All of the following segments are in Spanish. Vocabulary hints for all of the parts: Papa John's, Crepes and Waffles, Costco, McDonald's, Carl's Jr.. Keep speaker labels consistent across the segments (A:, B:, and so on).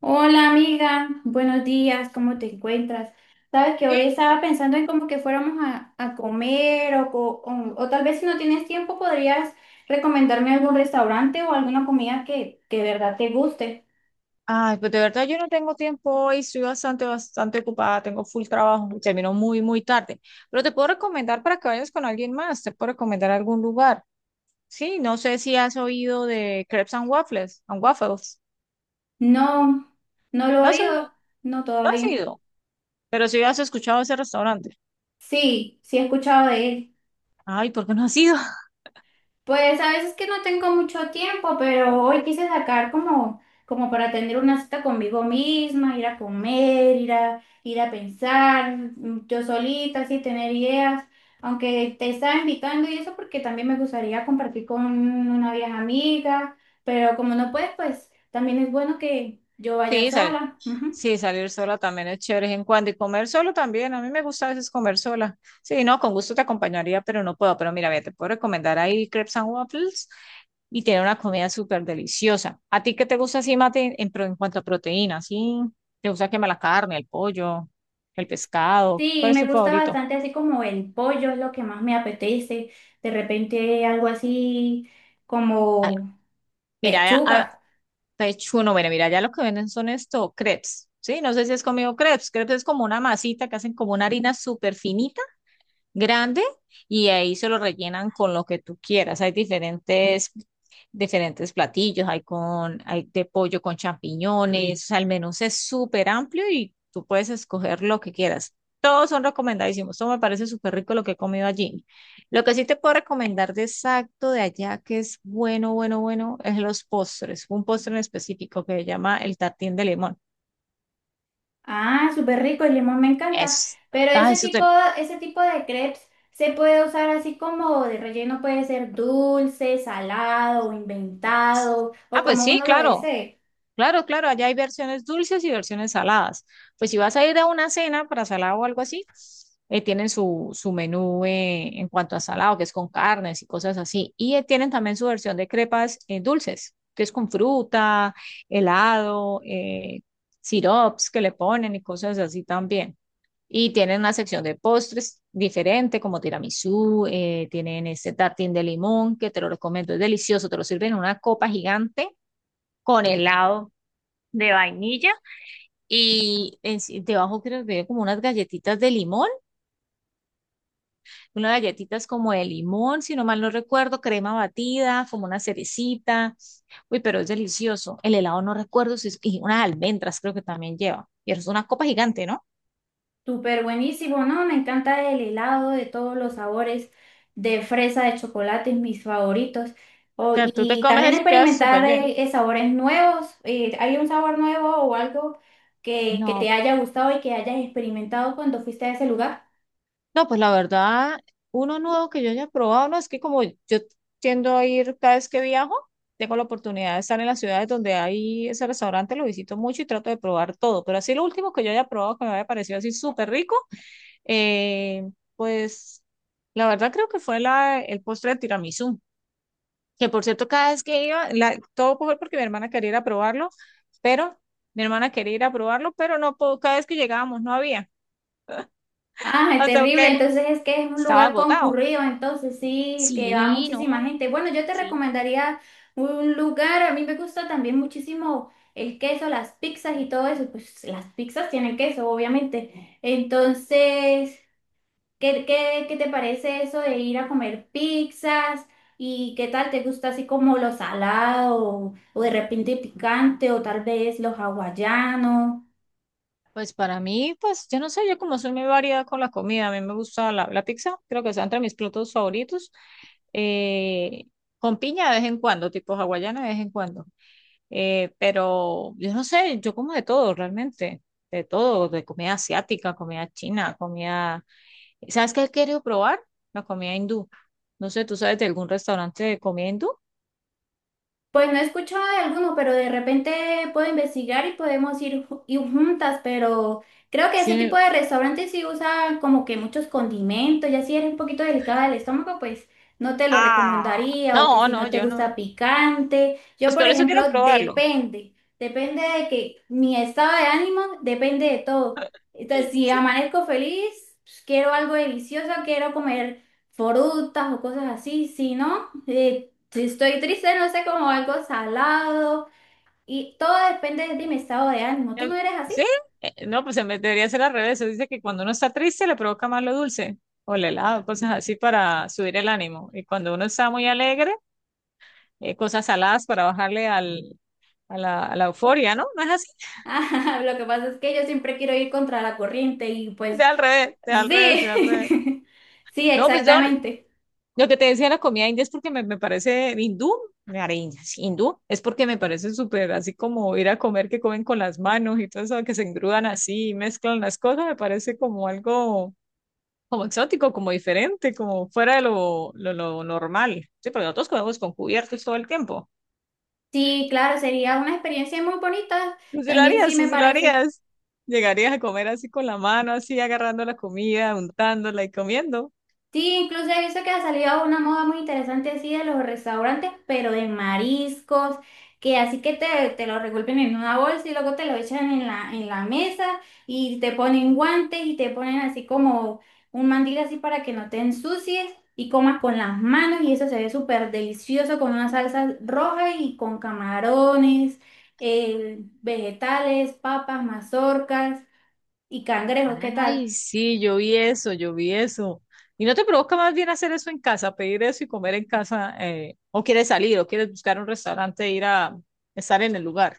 A: Hola amiga, buenos días, ¿cómo te encuentras? Sabes que
B: Bien.
A: hoy estaba pensando en como que fuéramos a comer o tal vez si no tienes tiempo podrías recomendarme algún restaurante o alguna comida que de verdad te guste.
B: Ay, pues de verdad yo no tengo tiempo hoy, estoy bastante ocupada, tengo full trabajo, y termino muy tarde. Pero te puedo recomendar para que vayas con alguien más, te puedo recomendar algún lugar. Sí, no sé si has oído de Crepes and Waffles,
A: No, no lo
B: No has
A: he
B: oído,
A: oído, no
B: no has
A: todavía.
B: ido, pero sí has escuchado ese restaurante.
A: Sí, sí he escuchado de él.
B: Ay, ¿por qué no has ido?
A: Pues a veces que no tengo mucho tiempo, pero hoy quise sacar como, como para tener una cita conmigo misma, ir a comer, ir a pensar, yo solita, así tener ideas, aunque te estaba invitando y eso porque también me gustaría compartir con una vieja amiga, pero como no puedes, pues también es bueno que yo vaya
B: Sí, sabes.
A: sola. Ujú.
B: Sí, salir sola también es chévere de vez en cuando y comer solo también. A mí me gusta a veces comer sola. Sí, no, con gusto te acompañaría, pero no puedo. Pero mira, ve, te puedo recomendar ahí Crepes and Waffles y tiene una comida súper deliciosa. ¿A ti qué te gusta así, Mate, en cuanto a proteína? ¿Sí? ¿Te gusta quemar la carne, el pollo, el pescado?
A: Sí,
B: ¿Cuál es
A: me
B: tu
A: gusta
B: favorito?
A: bastante así como el pollo, es lo que más me apetece, de repente algo así
B: Ah,
A: como...
B: mira,
A: Pechuga.
B: pechuno, mira, ya lo que venden son estos crepes. Sí, no sé si has comido crepes. Crepes es como una masita que hacen como una harina súper finita grande y ahí se lo rellenan con lo que tú quieras. Hay diferentes platillos, hay de pollo con champiñones, o sea, el menú es súper amplio y tú puedes escoger lo que quieras. Todos son recomendadísimos. Todo me parece súper rico lo que he comido allí. Lo que sí te puedo recomendar de exacto de allá, que es bueno, es los postres. Un postre en específico que se llama el tartín de limón.
A: Ah, súper rico, el limón me encanta.
B: Es,
A: Pero
B: ah, eso te...
A: ese tipo de crepes se puede usar así como de relleno, puede ser dulce, salado o inventado,
B: Ah,
A: o
B: pues
A: como
B: sí,
A: uno lo
B: claro.
A: desee.
B: Claro, allá hay versiones dulces y versiones saladas. Pues si vas a ir a una cena para salado o algo así, tienen su menú en cuanto a salado, que es con carnes y cosas así. Y tienen también su versión de crepas dulces, que es con fruta, helado, sirops que le ponen y cosas así también. Y tienen una sección de postres diferente, como tiramisú, tienen este tartín de limón, que te lo recomiendo, es delicioso, te lo sirven en una copa gigante con helado de vainilla sí, debajo creo que había como unas galletitas de limón, unas galletitas como de limón, si no mal no recuerdo, crema batida, como una cerecita. Uy, pero es delicioso. El helado no recuerdo si es, y unas almendras creo que también lleva. Y es una copa gigante, ¿no? O
A: Súper buenísimo, ¿no? Me encanta el helado de todos los sabores, de fresa, de chocolate, mis favoritos. O-
B: sea, tú te
A: y
B: comes
A: también
B: eso y quedas
A: experimentar
B: súper lleno.
A: sabores nuevos. ¿Hay un sabor nuevo o algo que
B: No,
A: te haya gustado y que hayas experimentado cuando fuiste a ese lugar?
B: No, pues la verdad, uno nuevo que yo haya probado, no, es que como yo tiendo a ir cada vez que viajo, tengo la oportunidad de estar en las ciudades donde hay ese restaurante, lo visito mucho y trato de probar todo, pero así lo último que yo haya probado que me haya parecido así súper rico, eh, pues la verdad creo que fue el postre de tiramisú, que por cierto cada vez que iba, todo fue porque mi hermana quería ir a probarlo, pero mi hermana quería ir a probarlo, pero no, cada vez que llegábamos no había,
A: Ah, es
B: hasta
A: terrible.
B: que
A: Entonces es que es un
B: estaba
A: lugar
B: agotado.
A: concurrido, entonces sí, que va
B: Sí,
A: muchísima
B: no,
A: gente. Bueno, yo te
B: sí.
A: recomendaría un lugar, a mí me gusta también muchísimo el queso, las pizzas y todo eso. Pues las pizzas tienen queso, obviamente. Entonces, ¿qué te parece eso de ir a comer pizzas? ¿Y qué tal te gusta así como lo salado o de repente picante o tal vez los hawaianos?
B: Pues para mí, pues yo no sé, yo como soy muy variada con la comida, a mí me gusta la pizza, creo que está entre mis platos favoritos. eh, con piña de vez en cuando, tipo hawaiana de vez en cuando. Pero yo no sé, yo como de todo realmente, de todo, de comida asiática, comida china, comida... ¿Sabes qué he querido probar? La comida hindú. No sé, ¿tú sabes de algún restaurante de comida hindú?
A: Pues no he escuchado de alguno, pero de repente puedo investigar y podemos ir, ir juntas, pero creo que ese
B: Sí.
A: tipo de restaurantes sí usa como que muchos condimentos, ya si eres un poquito delicada del estómago, pues no te lo
B: Ah,
A: recomendaría, o que
B: no,
A: si
B: no,
A: no te
B: yo no.
A: gusta picante. Yo,
B: Pues
A: por
B: por eso
A: ejemplo,
B: quiero probarlo.
A: depende, depende de que mi estado de ánimo, depende de todo. Entonces, si amanezco feliz, pues, quiero algo delicioso, quiero comer frutas o cosas así, si no, si estoy triste, no sé, como algo salado. Y todo depende de mi estado de ánimo. ¿Tú
B: Em,
A: no eres así?
B: ¿Sí? No, pues se me debería ser al revés. Se dice que cuando uno está triste le provoca más lo dulce o el helado, cosas así para subir el ánimo. Y cuando uno está muy alegre, cosas saladas para bajarle a la euforia, ¿no? No es así.
A: Ah, lo que pasa es que yo siempre quiero ir contra la corriente y pues
B: De al revés.
A: sí, sí,
B: No, pues yo
A: exactamente.
B: lo que te decía de la comida india es porque me parece hindú, me areñas, hindú, es porque me parece súper así como ir a comer que comen con las manos y todo eso, que se engrudan así y mezclan las cosas, me parece como algo como exótico, como diferente, como fuera de lo normal. Sí, porque nosotros comemos con cubiertos todo el tiempo.
A: Sí, claro, sería una experiencia muy bonita. También sí me
B: Tú sí lo
A: parece.
B: harías. Llegarías a comer así con la mano, así agarrando la comida, untándola y comiendo.
A: Sí, incluso he visto que ha salido una moda muy interesante así de los restaurantes, pero de mariscos, que así que te lo revuelven en una bolsa y luego te lo echan en la mesa y te ponen guantes y te ponen así como un mandil así para que no te ensucies y comas con las manos y eso se ve súper delicioso con una salsa roja y con camarones, vegetales, papas, mazorcas y cangrejos, ¿qué tal?
B: Ay, sí, yo vi eso. ¿Y no te provoca más bien hacer eso en casa, pedir eso y comer en casa? ¿O quieres salir, o quieres buscar un restaurante e ir a estar en el lugar?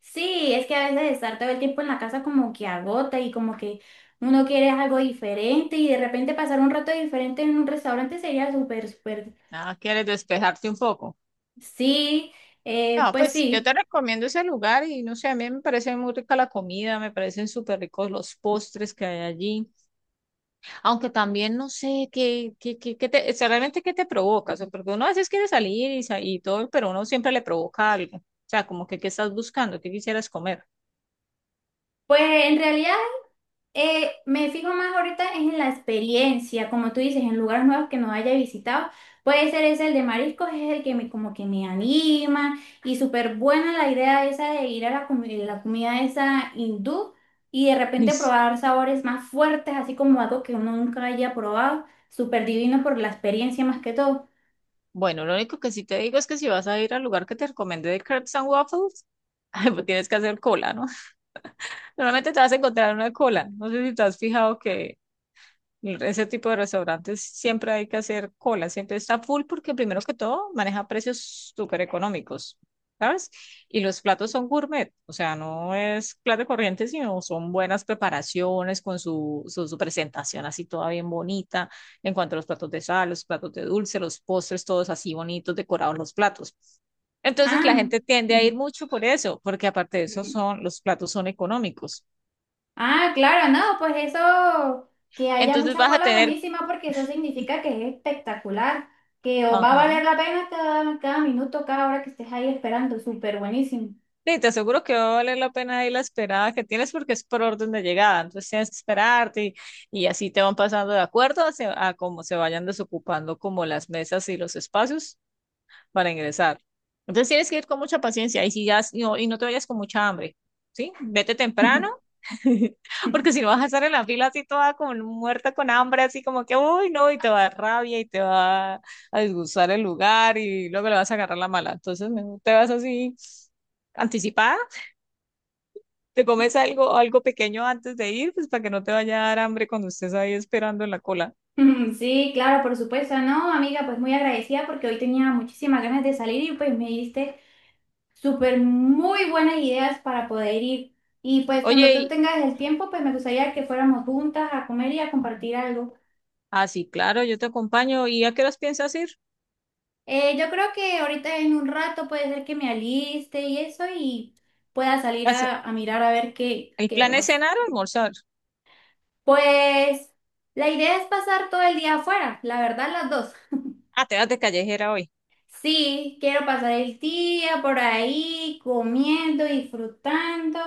A: Sí, es que a veces estar todo el tiempo en la casa como que agota y como que uno quiere algo diferente y de repente pasar un rato diferente en un restaurante sería súper, súper,
B: Ah, ¿quieres despejarte un poco?
A: sí,
B: No,
A: pues
B: pues yo
A: sí,
B: te recomiendo ese lugar y no sé, a mí me parece muy rica la comida, me parecen súper ricos los postres que hay allí, aunque también no sé qué te, o sea, realmente qué te provoca, o sea, porque uno a veces quiere salir y todo, pero uno siempre le provoca algo, o sea, como que qué estás buscando, qué quisieras comer.
A: pues en realidad. Me fijo más ahorita en la experiencia, como tú dices, en lugares nuevos que no haya visitado. Puede ser ese el de mariscos, es el que me como que me anima y súper buena la idea esa de ir a la, la comida esa hindú y de
B: Ay,
A: repente
B: sí.
A: probar sabores más fuertes, así como algo que uno nunca haya probado. Súper divino por la experiencia más que todo.
B: Bueno, lo único que sí te digo es que si vas a ir al lugar que te recomendé de Crepes and Waffles, pues tienes que hacer cola, ¿no? Normalmente te vas a encontrar una cola, no sé si te has fijado que ese tipo de restaurantes siempre hay que hacer cola, siempre está full porque primero que todo maneja precios súper económicos, ¿sabes? Y los platos son gourmet, o sea, no es plato corriente, sino son buenas preparaciones con su presentación así toda bien bonita, en cuanto a los platos de sal, los platos de dulce, los postres, todos así bonitos, decorados los platos. Entonces la
A: Ah.
B: gente tiende a ir mucho por eso, porque aparte de eso son, los platos son económicos.
A: Ah, claro, no, pues eso, que haya
B: Entonces
A: mucha
B: vas a
A: cola es
B: tener,
A: buenísima porque eso significa que es espectacular, que os va a
B: ajá.
A: valer la pena cada, cada minuto, cada hora que estés ahí esperando, súper buenísimo.
B: Sí, te aseguro que va a valer la pena ahí la esperada que tienes porque es por orden de llegada, entonces tienes que esperarte y así te van pasando de acuerdo a cómo se vayan desocupando como las mesas y los espacios para ingresar. Entonces tienes que ir con mucha paciencia y no, y no te vayas con mucha hambre, ¿sí? Vete temprano porque si no vas a estar en la fila así toda como muerta con hambre, así como que, uy, no, y te va a dar rabia y te va a disgustar el lugar y luego le vas a agarrar la mala. Entonces mejor te vas así anticipada, te comes algo, algo pequeño antes de ir, pues para que no te vaya a dar hambre cuando estés ahí esperando en la cola.
A: Mm, sí, claro, por supuesto, no, amiga, pues muy agradecida porque hoy tenía muchísimas ganas de salir y pues me diste súper muy buenas ideas para poder ir. Y pues cuando
B: Oye,
A: tú
B: y,
A: tengas el tiempo, pues me gustaría que fuéramos juntas a comer y a compartir algo.
B: ah, sí, claro, yo te acompaño. ¿Y a qué horas piensas ir?
A: Yo creo que ahorita en un rato puede ser que me aliste y eso y pueda salir
B: As-
A: a mirar a ver qué,
B: ¿El
A: qué
B: plan
A: vemos.
B: es cenar o almorzar?
A: Pues la idea es pasar todo el día afuera, la verdad las dos.
B: Ah, te vas de callejera hoy.
A: Sí, quiero pasar el día por ahí comiendo, disfrutando,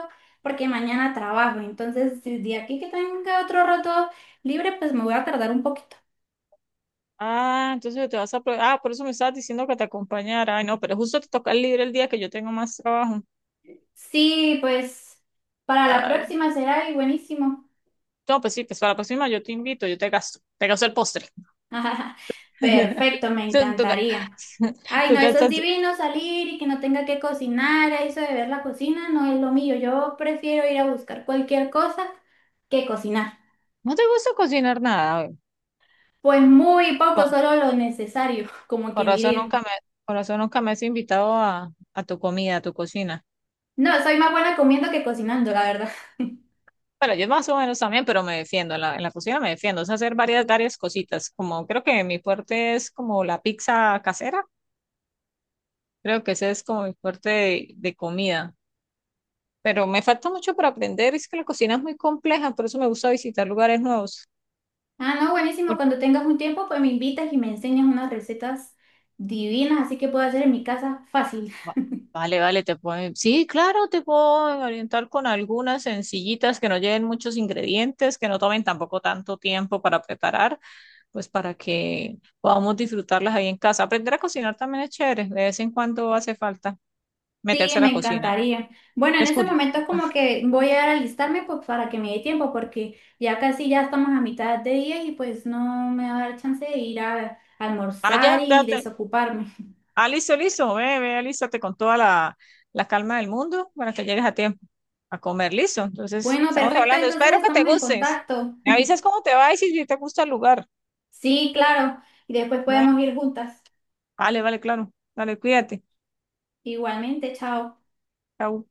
A: porque mañana trabajo. Entonces, el día aquí que tenga otro rato libre, pues me voy a tardar un poquito.
B: Ah, entonces te vas a... pro- ah, por eso me estabas diciendo que te acompañara. Ay, no, pero justo te toca libre el día que yo tengo más trabajo.
A: Sí, pues para la
B: Ay,
A: próxima será y buenísimo.
B: no, pues sí, pues para la próxima yo te invito, yo te gasto el postre.
A: Perfecto, me
B: Tú, tú ga-
A: encantaría. Ay,
B: tú
A: no, eso es
B: gastas...
A: divino salir y que no tenga que cocinar, eso de ver la cocina no es lo mío. Yo prefiero ir a buscar cualquier cosa que cocinar.
B: ¿No te gusta cocinar nada?
A: Pues muy
B: ¿Güey?
A: poco, solo lo necesario, como
B: Con
A: quien
B: razón
A: diría.
B: nunca me, con razón nunca me has invitado a tu comida, a tu cocina.
A: No, soy más buena comiendo que cocinando, la verdad.
B: Bueno, yo más o menos también, pero me defiendo, en en la cocina me defiendo, o sea, hacer varias cositas, como creo que mi fuerte es como la pizza casera, creo que ese es como mi fuerte de comida, pero me falta mucho para aprender, es que la cocina es muy compleja, por eso me gusta visitar lugares nuevos.
A: Ah, no, buenísimo.
B: Por-
A: Cuando tengas un tiempo, pues me invitas y me enseñas unas recetas divinas, así que puedo hacer en mi casa fácil.
B: va- Vale, te puedo, sí, claro, te puedo orientar con algunas sencillitas que no lleven muchos ingredientes, que no tomen tampoco tanto tiempo para preparar pues para que podamos disfrutarlas ahí en casa. Aprender a cocinar también es chévere, de vez en cuando hace falta
A: Sí,
B: meterse a la
A: me
B: cocina, ¿no?
A: encantaría. Bueno, en este
B: Descubrir.
A: momento es como que voy a alistarme pues, para que me dé tiempo, porque ya casi ya estamos a mitad de día y pues no me va a dar chance de ir a
B: Ah,
A: almorzar
B: ya, ya
A: y
B: te-
A: desocuparme.
B: Ah, listo, ve, alístate con toda la calma del mundo para que llegues a tiempo a comer, listo. Entonces,
A: Bueno,
B: estamos
A: perfecto,
B: hablando,
A: entonces
B: espero que te
A: estamos en
B: gustes.
A: contacto.
B: Me avisas cómo te va y si te gusta el lugar.
A: Sí, claro, y después
B: Bueno,
A: podemos ir juntas.
B: vale, claro. Dale, cuídate.
A: Igualmente, chao.
B: Chao.